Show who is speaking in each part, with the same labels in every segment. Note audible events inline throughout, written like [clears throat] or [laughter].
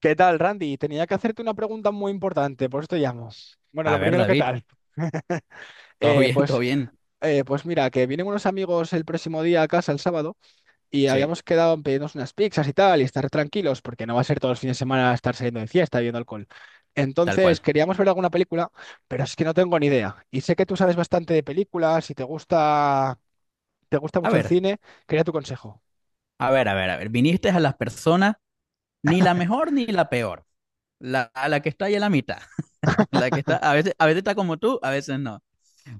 Speaker 1: ¿Qué tal, Randy? Tenía que hacerte una pregunta muy importante, por eso te llamo. Bueno, lo
Speaker 2: A ver,
Speaker 1: primero, ¿qué
Speaker 2: David,
Speaker 1: tal?
Speaker 2: todo [laughs]
Speaker 1: Eh,
Speaker 2: bien, todo
Speaker 1: pues,
Speaker 2: bien.
Speaker 1: pues mira, que vienen unos amigos el próximo día a casa, el sábado, y
Speaker 2: Sí,
Speaker 1: habíamos quedado en pedirnos unas pizzas y tal, y estar tranquilos, porque no va a ser todos los fines de semana estar saliendo de fiesta, bebiendo alcohol.
Speaker 2: tal
Speaker 1: Entonces,
Speaker 2: cual.
Speaker 1: queríamos ver alguna película, pero es que no tengo ni idea. Y sé que tú sabes bastante de películas y te gusta
Speaker 2: A
Speaker 1: mucho el
Speaker 2: ver,
Speaker 1: cine, quería tu consejo.
Speaker 2: a ver, a ver, a ver. Viniste a las personas, ni la mejor ni la peor. A la que está ahí en la mitad. [laughs] La que está, a veces está como tú, a veces no.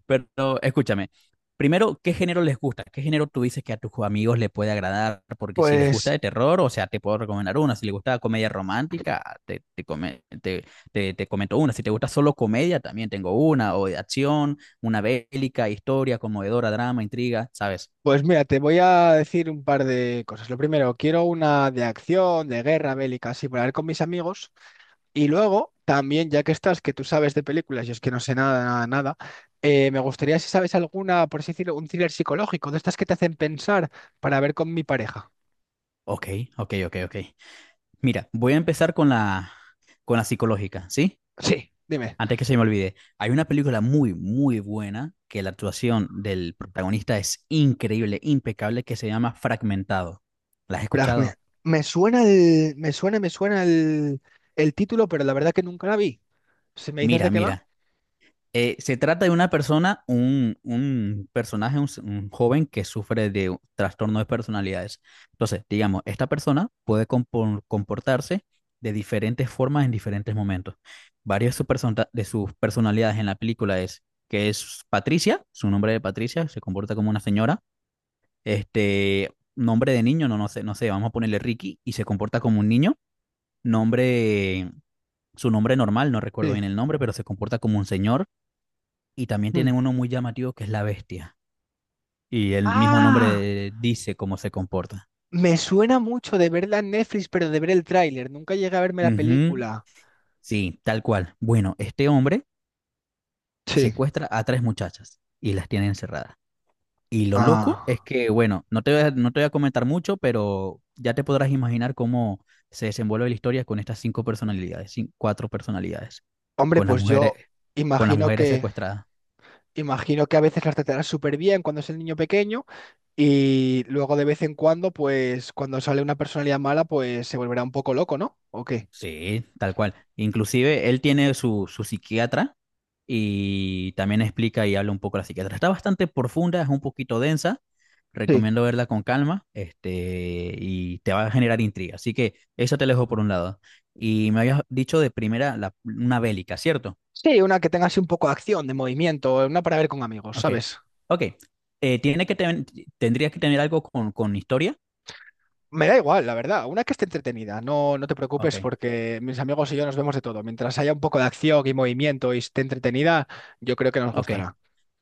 Speaker 2: Pero escúchame, primero, ¿qué género les gusta? ¿Qué género tú dices que a tus amigos le puede agradar? Porque si les gusta
Speaker 1: Pues.
Speaker 2: de terror, o sea, te puedo recomendar una. Si les gusta comedia romántica, te comento una. Si te gusta solo comedia, también tengo una. O de acción, una bélica, historia, conmovedora, drama, intriga, ¿sabes?
Speaker 1: Pues mira, te voy a decir un par de cosas. Lo primero, quiero una de acción, de guerra bélica, así para ver con mis amigos. Y luego, también, ya que estás, que tú sabes de películas, yo es que no sé nada, nada, nada, me gustaría si sabes alguna, por así decirlo, un thriller psicológico, de estas que te hacen pensar para ver con mi pareja.
Speaker 2: Ok, ok, ok, ok. Mira, voy a empezar con la psicológica, ¿sí?
Speaker 1: Sí, dime.
Speaker 2: Antes que se me olvide, hay una película muy, muy buena que la actuación del protagonista es increíble, impecable, que se llama Fragmentado. ¿La has
Speaker 1: Fragme.
Speaker 2: escuchado?
Speaker 1: Me suena el título, pero la verdad que nunca la vi. Si me dices de
Speaker 2: Mira,
Speaker 1: qué va.
Speaker 2: mira. Se trata de una persona, un personaje, un joven que sufre de un trastorno de personalidades. Entonces, digamos, esta persona puede comportarse de diferentes formas en diferentes momentos. Varias de sus personalidades en la película es que es Patricia, su nombre de Patricia, se comporta como una señora. Este, Nombre de niño, no, no sé, vamos a ponerle Ricky y se comporta como un niño. Nombre, su nombre normal, no recuerdo
Speaker 1: Sí.
Speaker 2: bien el nombre, pero se comporta como un señor. Y también
Speaker 1: Mm.
Speaker 2: tienen uno muy llamativo que es la bestia. Y el mismo
Speaker 1: ¡Ah!
Speaker 2: nombre dice cómo se comporta.
Speaker 1: Me suena mucho de verla en Netflix, pero de ver el tráiler. Nunca llegué a verme la
Speaker 2: Ujú.
Speaker 1: película.
Speaker 2: Sí, tal cual. Bueno, este hombre
Speaker 1: Sí.
Speaker 2: secuestra a tres muchachas y las tiene encerradas. Y lo loco es
Speaker 1: Ah.
Speaker 2: que, bueno, no te voy a comentar mucho, pero ya te podrás imaginar cómo se desenvuelve la historia con estas cinco personalidades, cuatro personalidades,
Speaker 1: Hombre,
Speaker 2: con las
Speaker 1: pues
Speaker 2: mujeres,
Speaker 1: yo
Speaker 2: con las
Speaker 1: imagino
Speaker 2: mujeres
Speaker 1: que
Speaker 2: secuestradas.
Speaker 1: imagino que a veces las tratarán súper bien cuando es el niño pequeño y luego de vez en cuando, pues cuando sale una personalidad mala, pues se volverá un poco loco, ¿no? ¿O qué?
Speaker 2: Sí, tal cual. Inclusive él tiene su psiquiatra y también explica y habla un poco de la psiquiatra. Está bastante profunda, es un poquito densa.
Speaker 1: Sí.
Speaker 2: Recomiendo verla con calma, y te va a generar intriga. Así que eso te lo dejo por un lado. Y me habías dicho de primera una bélica, ¿cierto?
Speaker 1: Sí, una que tenga así un poco de acción, de movimiento, una para ver con amigos,
Speaker 2: Ok.
Speaker 1: ¿sabes?
Speaker 2: Ok. Eh, ¿tiene que ten- tendría que tener algo con historia?
Speaker 1: Me da igual, la verdad. Una que esté entretenida. No, no te
Speaker 2: Ok.
Speaker 1: preocupes porque mis amigos y yo nos vemos de todo. Mientras haya un poco de acción y movimiento y esté entretenida, yo creo que nos
Speaker 2: Ok.
Speaker 1: gustará.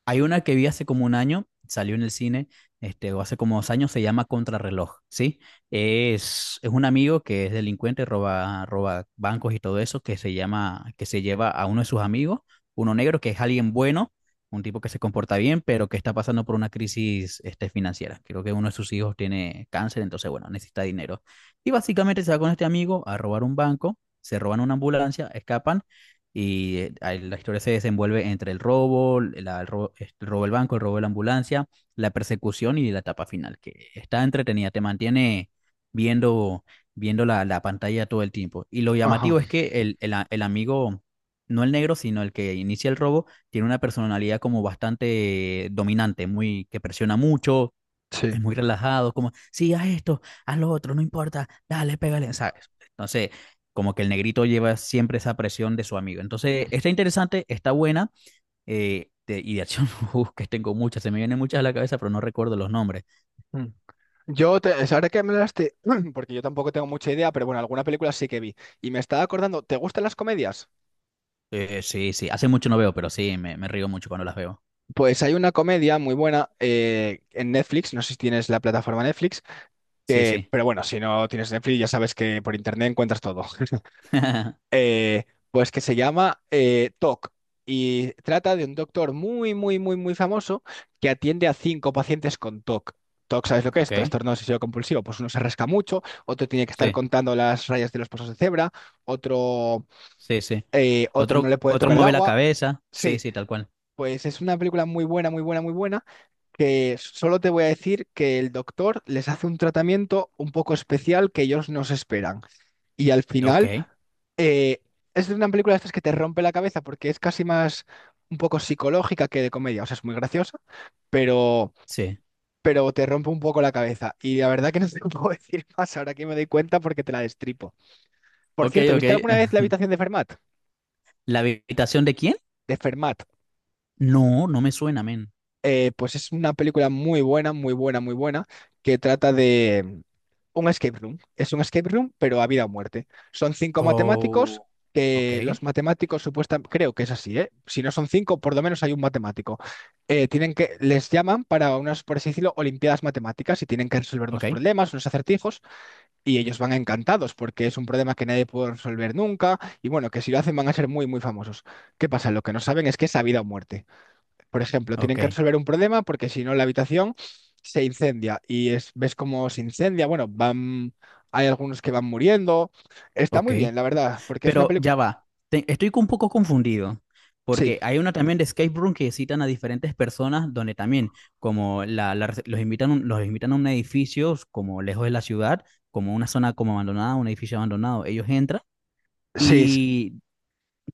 Speaker 2: Hay una que vi hace como un año, salió en el cine, o hace como 2 años, se llama Contrarreloj, ¿sí? Es un amigo que es delincuente, roba bancos y todo eso, que se lleva a uno de sus amigos, uno negro, que es alguien bueno, un tipo que se comporta bien, pero que está pasando por una crisis, financiera. Creo que uno de sus hijos tiene cáncer, entonces, bueno, necesita dinero. Y básicamente se va con este amigo a robar un banco, se roban una ambulancia, escapan y ahí la historia se desenvuelve entre el robo del banco, el robo de la ambulancia, la persecución y la etapa final, que está entretenida, te mantiene viendo, viendo la pantalla todo el tiempo. Y lo
Speaker 1: Ajá,
Speaker 2: llamativo es que el amigo, no el negro, sino el que inicia el robo, tiene una personalidad como bastante dominante, muy, que presiona mucho.
Speaker 1: sí.
Speaker 2: Es muy relajado, como, sí, haz esto, haz lo otro, no importa, dale, pégale, ¿sabes? Entonces, como que el negrito lleva siempre esa presión de su amigo. Entonces, está interesante, está buena, y de acción, [laughs] uf, que tengo muchas, se me vienen muchas a la cabeza, pero no recuerdo los nombres.
Speaker 1: Mm. Es ahora que me hablaste, [clears throat] porque yo tampoco tengo mucha idea, pero bueno, alguna película sí que vi. Y me estaba acordando, ¿te gustan las comedias?
Speaker 2: Sí, sí, hace mucho no veo, pero sí, me río mucho cuando las veo.
Speaker 1: Pues hay una comedia muy buena en Netflix, no sé si tienes la plataforma Netflix,
Speaker 2: Sí, sí.
Speaker 1: pero bueno, si no tienes Netflix ya sabes que por internet encuentras todo.
Speaker 2: [laughs]
Speaker 1: eh, pues que se llama TOC y trata de un doctor muy, muy, muy, muy famoso que atiende a cinco pacientes con TOC. TOC, ¿sabes lo que es?
Speaker 2: Ok,
Speaker 1: Trastorno obsesivo compulsivo. Pues uno se rasca mucho, otro tiene que estar
Speaker 2: sí,
Speaker 1: contando las rayas de los pasos de cebra, otro,
Speaker 2: sí, sí.
Speaker 1: otro no
Speaker 2: Otro,
Speaker 1: le puede
Speaker 2: otro
Speaker 1: tocar el
Speaker 2: mueve la
Speaker 1: agua.
Speaker 2: cabeza, sí,
Speaker 1: Sí,
Speaker 2: sí, tal cual.
Speaker 1: pues es una película muy buena, muy buena, muy buena, que solo te voy a decir que el doctor les hace un tratamiento un poco especial que ellos no se esperan. Y al
Speaker 2: Ok,
Speaker 1: final eh, es una película de estas que te rompe la cabeza porque es casi más un poco psicológica que de comedia. O sea, es muy graciosa, pero,
Speaker 2: sí.
Speaker 1: pero te rompe un poco la cabeza. Y la verdad que no te [laughs] puedo decir más ahora que me doy cuenta porque te la destripo. Por
Speaker 2: Ok,
Speaker 1: cierto,
Speaker 2: ok.
Speaker 1: ¿viste alguna vez La
Speaker 2: [laughs]
Speaker 1: habitación de Fermat?
Speaker 2: ¿La habitación de quién?
Speaker 1: De Fermat.
Speaker 2: No, no me suena, men.
Speaker 1: Pues es una película muy buena, muy buena, muy buena, que trata de un escape room. Es un escape room, pero a vida o muerte. Son cinco matemáticos,
Speaker 2: Oh, ok,
Speaker 1: que los matemáticos supuestamente, creo que es así, ¿eh? Si no son cinco, por lo menos hay un matemático. Tienen que, les llaman para unas, por así decirlo, olimpiadas matemáticas y tienen que resolver
Speaker 2: ok,
Speaker 1: unos problemas, unos acertijos, y ellos van encantados porque es un problema que nadie puede resolver nunca, y bueno, que si lo hacen van a ser muy, muy famosos. ¿Qué pasa? Lo que no saben es que es a vida o muerte. Por ejemplo, tienen
Speaker 2: ok,
Speaker 1: que resolver un problema porque si no la habitación se incendia y es, ves cómo se incendia. Bueno, van, hay algunos que van muriendo. Está
Speaker 2: ok.
Speaker 1: muy bien, la verdad, porque es una
Speaker 2: Pero ya
Speaker 1: película...
Speaker 2: va, estoy un poco confundido,
Speaker 1: Sí,
Speaker 2: porque hay una también de escape room que citan a diferentes personas, donde también, como los invitan, a los invitan a un edificio, como lejos de la ciudad, como una zona como abandonada, un edificio abandonado, ellos entran.
Speaker 1: sí,
Speaker 2: Y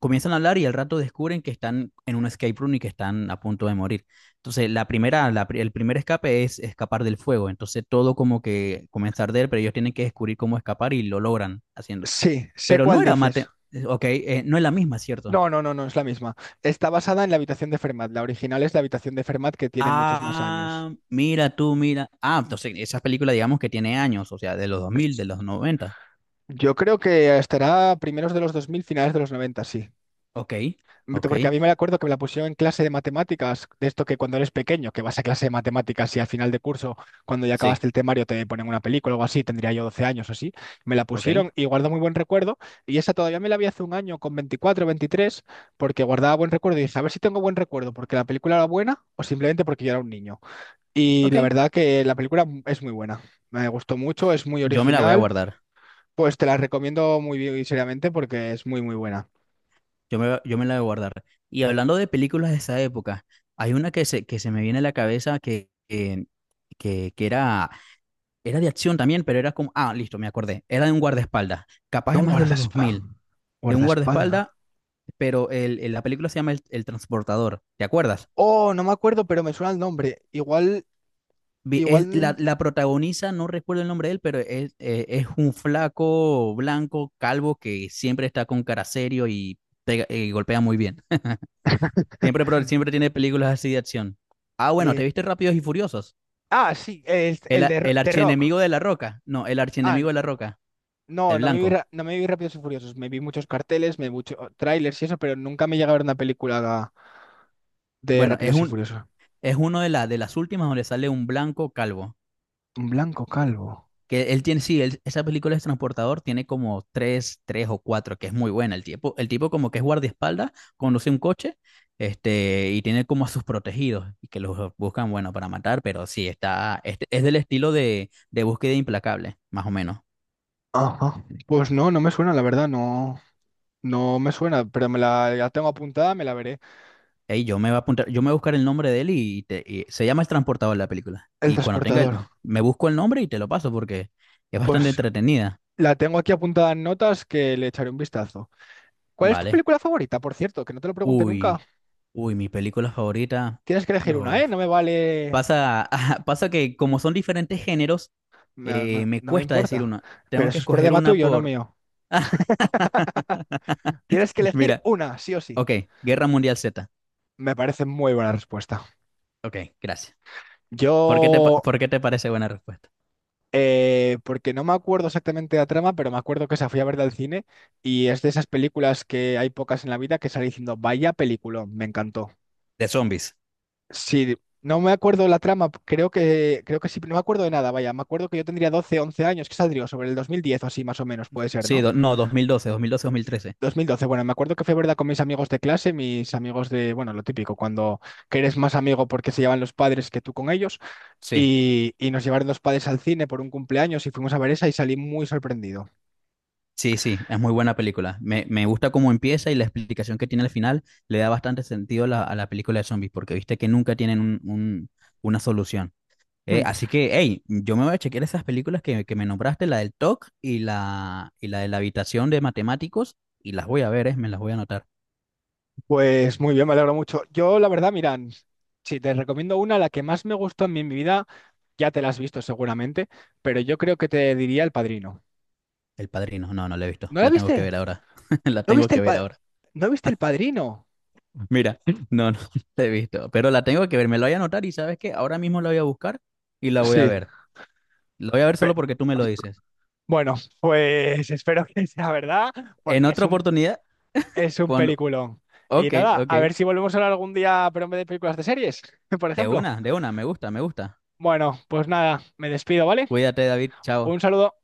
Speaker 2: comienzan a hablar y al rato descubren que están en un escape room y que están a punto de morir. Entonces, la primera, la pri- el primer escape es escapar del fuego. Entonces, todo como que comienza a arder, pero ellos tienen que descubrir cómo escapar y lo logran haciendo.
Speaker 1: sí, sé
Speaker 2: Pero no
Speaker 1: cuál
Speaker 2: era
Speaker 1: dices.
Speaker 2: mate, ok, no es la misma, ¿cierto?
Speaker 1: No, no, no, no, es la misma. Está basada en la habitación de Fermat. La original es la habitación de Fermat que tiene muchos más años.
Speaker 2: Ah, mira tú, mira. Ah, entonces, esa película, digamos que tiene años, o sea, de los 2000 de los noventa.
Speaker 1: Yo creo que estará primeros de los 2000 finales de los 90. Sí.
Speaker 2: Ok, ok,
Speaker 1: Porque a mí me acuerdo que me la pusieron en clase de matemáticas, de esto que cuando eres pequeño, que vas a clase de matemáticas y al final de curso, cuando ya acabaste
Speaker 2: sí,
Speaker 1: el temario, te ponen una película o algo así, tendría yo 12 años o así. Me la
Speaker 2: ok,
Speaker 1: pusieron y guardo muy buen recuerdo. Y esa todavía me la vi hace un año con 24, 23, porque guardaba buen recuerdo y dije, a ver si tengo buen recuerdo, porque la película era buena o simplemente porque yo era un niño. Y
Speaker 2: ok.
Speaker 1: la verdad que la película es muy buena. Me gustó mucho, es muy
Speaker 2: Yo me la voy a
Speaker 1: original.
Speaker 2: guardar.
Speaker 1: Pues te la recomiendo muy bien y seriamente porque es muy, muy buena.
Speaker 2: Yo me la voy a guardar. Y hablando de películas de esa época, hay una que se me viene a la cabeza que era de acción también, pero era como, ah, listo, me acordé, era de un guardaespaldas, capaz
Speaker 1: De
Speaker 2: es
Speaker 1: un
Speaker 2: más de los dos
Speaker 1: guardaespaldas.
Speaker 2: mil de un
Speaker 1: Guardaespaldas.
Speaker 2: guardaespaldas, pero la película se llama El Transportador, ¿te acuerdas?
Speaker 1: Oh, no me acuerdo, pero me suena el nombre. Igual,
Speaker 2: Vi- es- la,
Speaker 1: igual.
Speaker 2: la protagoniza, no recuerdo el nombre de él, pero es un flaco blanco, calvo, que siempre está con cara serio y golpea muy bien.
Speaker 1: [laughs]
Speaker 2: Siempre tiene películas así de acción. Ah, bueno, ¿te
Speaker 1: eh,
Speaker 2: viste Rápidos y Furiosos?
Speaker 1: Ah, sí, el,
Speaker 2: El,
Speaker 1: el
Speaker 2: a-
Speaker 1: de,
Speaker 2: el
Speaker 1: de Rock.
Speaker 2: archienemigo de La Roca. No, el
Speaker 1: Ah,
Speaker 2: archienemigo
Speaker 1: no.
Speaker 2: de La Roca.
Speaker 1: No,
Speaker 2: El blanco.
Speaker 1: no me vi Rápidos y Furiosos. Me vi muchos carteles, me vi muchos trailers y eso, pero nunca me llega a ver una película de
Speaker 2: Bueno, es
Speaker 1: Rápidos y
Speaker 2: un,
Speaker 1: Furiosos.
Speaker 2: es uno de, la, de las últimas donde sale un blanco calvo.
Speaker 1: Un blanco calvo.
Speaker 2: Que él tiene, sí, esa película es Transportador, tiene como tres, tres o cuatro, que es muy buena. El tipo como que es guardaespaldas, conduce un coche, y tiene como a sus protegidos, y que los buscan, bueno, para matar, pero sí, está, es del estilo de, Búsqueda Implacable, más o menos.
Speaker 1: Ajá. Pues no, no me suena, la verdad, no. No me suena, pero me la tengo apuntada, me la veré.
Speaker 2: Ey, yo me voy a apuntar, yo me voy a buscar el nombre de él y se llama El Transportador la película.
Speaker 1: El
Speaker 2: Y cuando tenga el,
Speaker 1: transportador.
Speaker 2: me busco el nombre y te lo paso porque es bastante
Speaker 1: Pues
Speaker 2: entretenida.
Speaker 1: la tengo aquí apuntada en notas que le echaré un vistazo. ¿Cuál es tu
Speaker 2: Vale.
Speaker 1: película favorita, por cierto? Que no te lo pregunte nunca.
Speaker 2: Uy, uy, mi película favorita.
Speaker 1: Tienes que elegir una,
Speaker 2: Uf.
Speaker 1: ¿eh? No me vale...
Speaker 2: Pasa, [laughs] pasa que como son diferentes géneros,
Speaker 1: No,
Speaker 2: me
Speaker 1: no me
Speaker 2: cuesta decir
Speaker 1: importa.
Speaker 2: una.
Speaker 1: Pero
Speaker 2: Tengo que
Speaker 1: eso es
Speaker 2: escoger
Speaker 1: problema
Speaker 2: una
Speaker 1: tuyo, no
Speaker 2: por.
Speaker 1: mío.
Speaker 2: [laughs] Ah,
Speaker 1: Tienes que elegir
Speaker 2: mira.
Speaker 1: una, sí o sí.
Speaker 2: Ok, Guerra Mundial Z.
Speaker 1: Me parece muy buena respuesta.
Speaker 2: Ok, gracias. ¿Por qué te, pa-
Speaker 1: Yo...
Speaker 2: por qué te parece buena respuesta?
Speaker 1: Porque no me acuerdo exactamente la trama, pero me acuerdo que esa fui a verla al cine y es de esas películas que hay pocas en la vida que salí diciendo, vaya peliculón, me encantó.
Speaker 2: De zombies.
Speaker 1: Sí, no me acuerdo la trama, creo que sí, no me acuerdo de nada, vaya, me acuerdo que yo tendría 12 11 años, que saldría sobre el 2010 o así más o menos, puede ser,
Speaker 2: Sí,
Speaker 1: ¿no?
Speaker 2: no, 2012, 2012, 2013.
Speaker 1: 2012. Bueno, me acuerdo que fue verdad con mis amigos de clase, mis amigos de, bueno, lo típico, cuando que eres más amigo porque se llevan los padres que tú con ellos,
Speaker 2: Sí.
Speaker 1: y nos llevaron los padres al cine por un cumpleaños y fuimos a ver esa y salí muy sorprendido.
Speaker 2: Sí, sí, es muy buena película. Me gusta cómo empieza y la explicación que tiene al final le da bastante sentido a la película de zombies, porque viste que nunca tienen una solución.
Speaker 1: Hmm.
Speaker 2: Así que, hey, yo me voy a chequear esas películas que me nombraste, la del TOC y y la de la habitación de matemáticos, y las voy a ver, me las voy a anotar.
Speaker 1: Pues muy bien, me alegro mucho. Yo, la verdad, mira, si te recomiendo una, la que más me gustó a mí en mi vida, ya te la has visto seguramente, pero yo creo que te diría El Padrino.
Speaker 2: El Padrino, no, no la he visto,
Speaker 1: ¿No la
Speaker 2: la tengo que
Speaker 1: viste?
Speaker 2: ver ahora, [laughs] la
Speaker 1: ¿No
Speaker 2: tengo
Speaker 1: viste el
Speaker 2: que ver
Speaker 1: pa-
Speaker 2: ahora.
Speaker 1: ¿No viste El Padrino?
Speaker 2: Mira, no, no [laughs] la he visto, pero la tengo que ver, me la voy a anotar y sabes que ahora mismo la voy a buscar y la voy a
Speaker 1: Sí.
Speaker 2: ver. La voy a ver solo
Speaker 1: Pe-
Speaker 2: porque tú me lo dices.
Speaker 1: bueno, pues espero que sea verdad,
Speaker 2: En
Speaker 1: porque es
Speaker 2: otra
Speaker 1: un,
Speaker 2: oportunidad,
Speaker 1: es un
Speaker 2: cuando...
Speaker 1: peliculón. Y
Speaker 2: Ok,
Speaker 1: nada,
Speaker 2: ok.
Speaker 1: a ver si volvemos a hablar algún día, pero en vez de películas de series, [laughs] por ejemplo.
Speaker 2: De una, me gusta, me gusta.
Speaker 1: Bueno, pues nada, me despido, ¿vale?
Speaker 2: Cuídate, David, chao.
Speaker 1: Un saludo.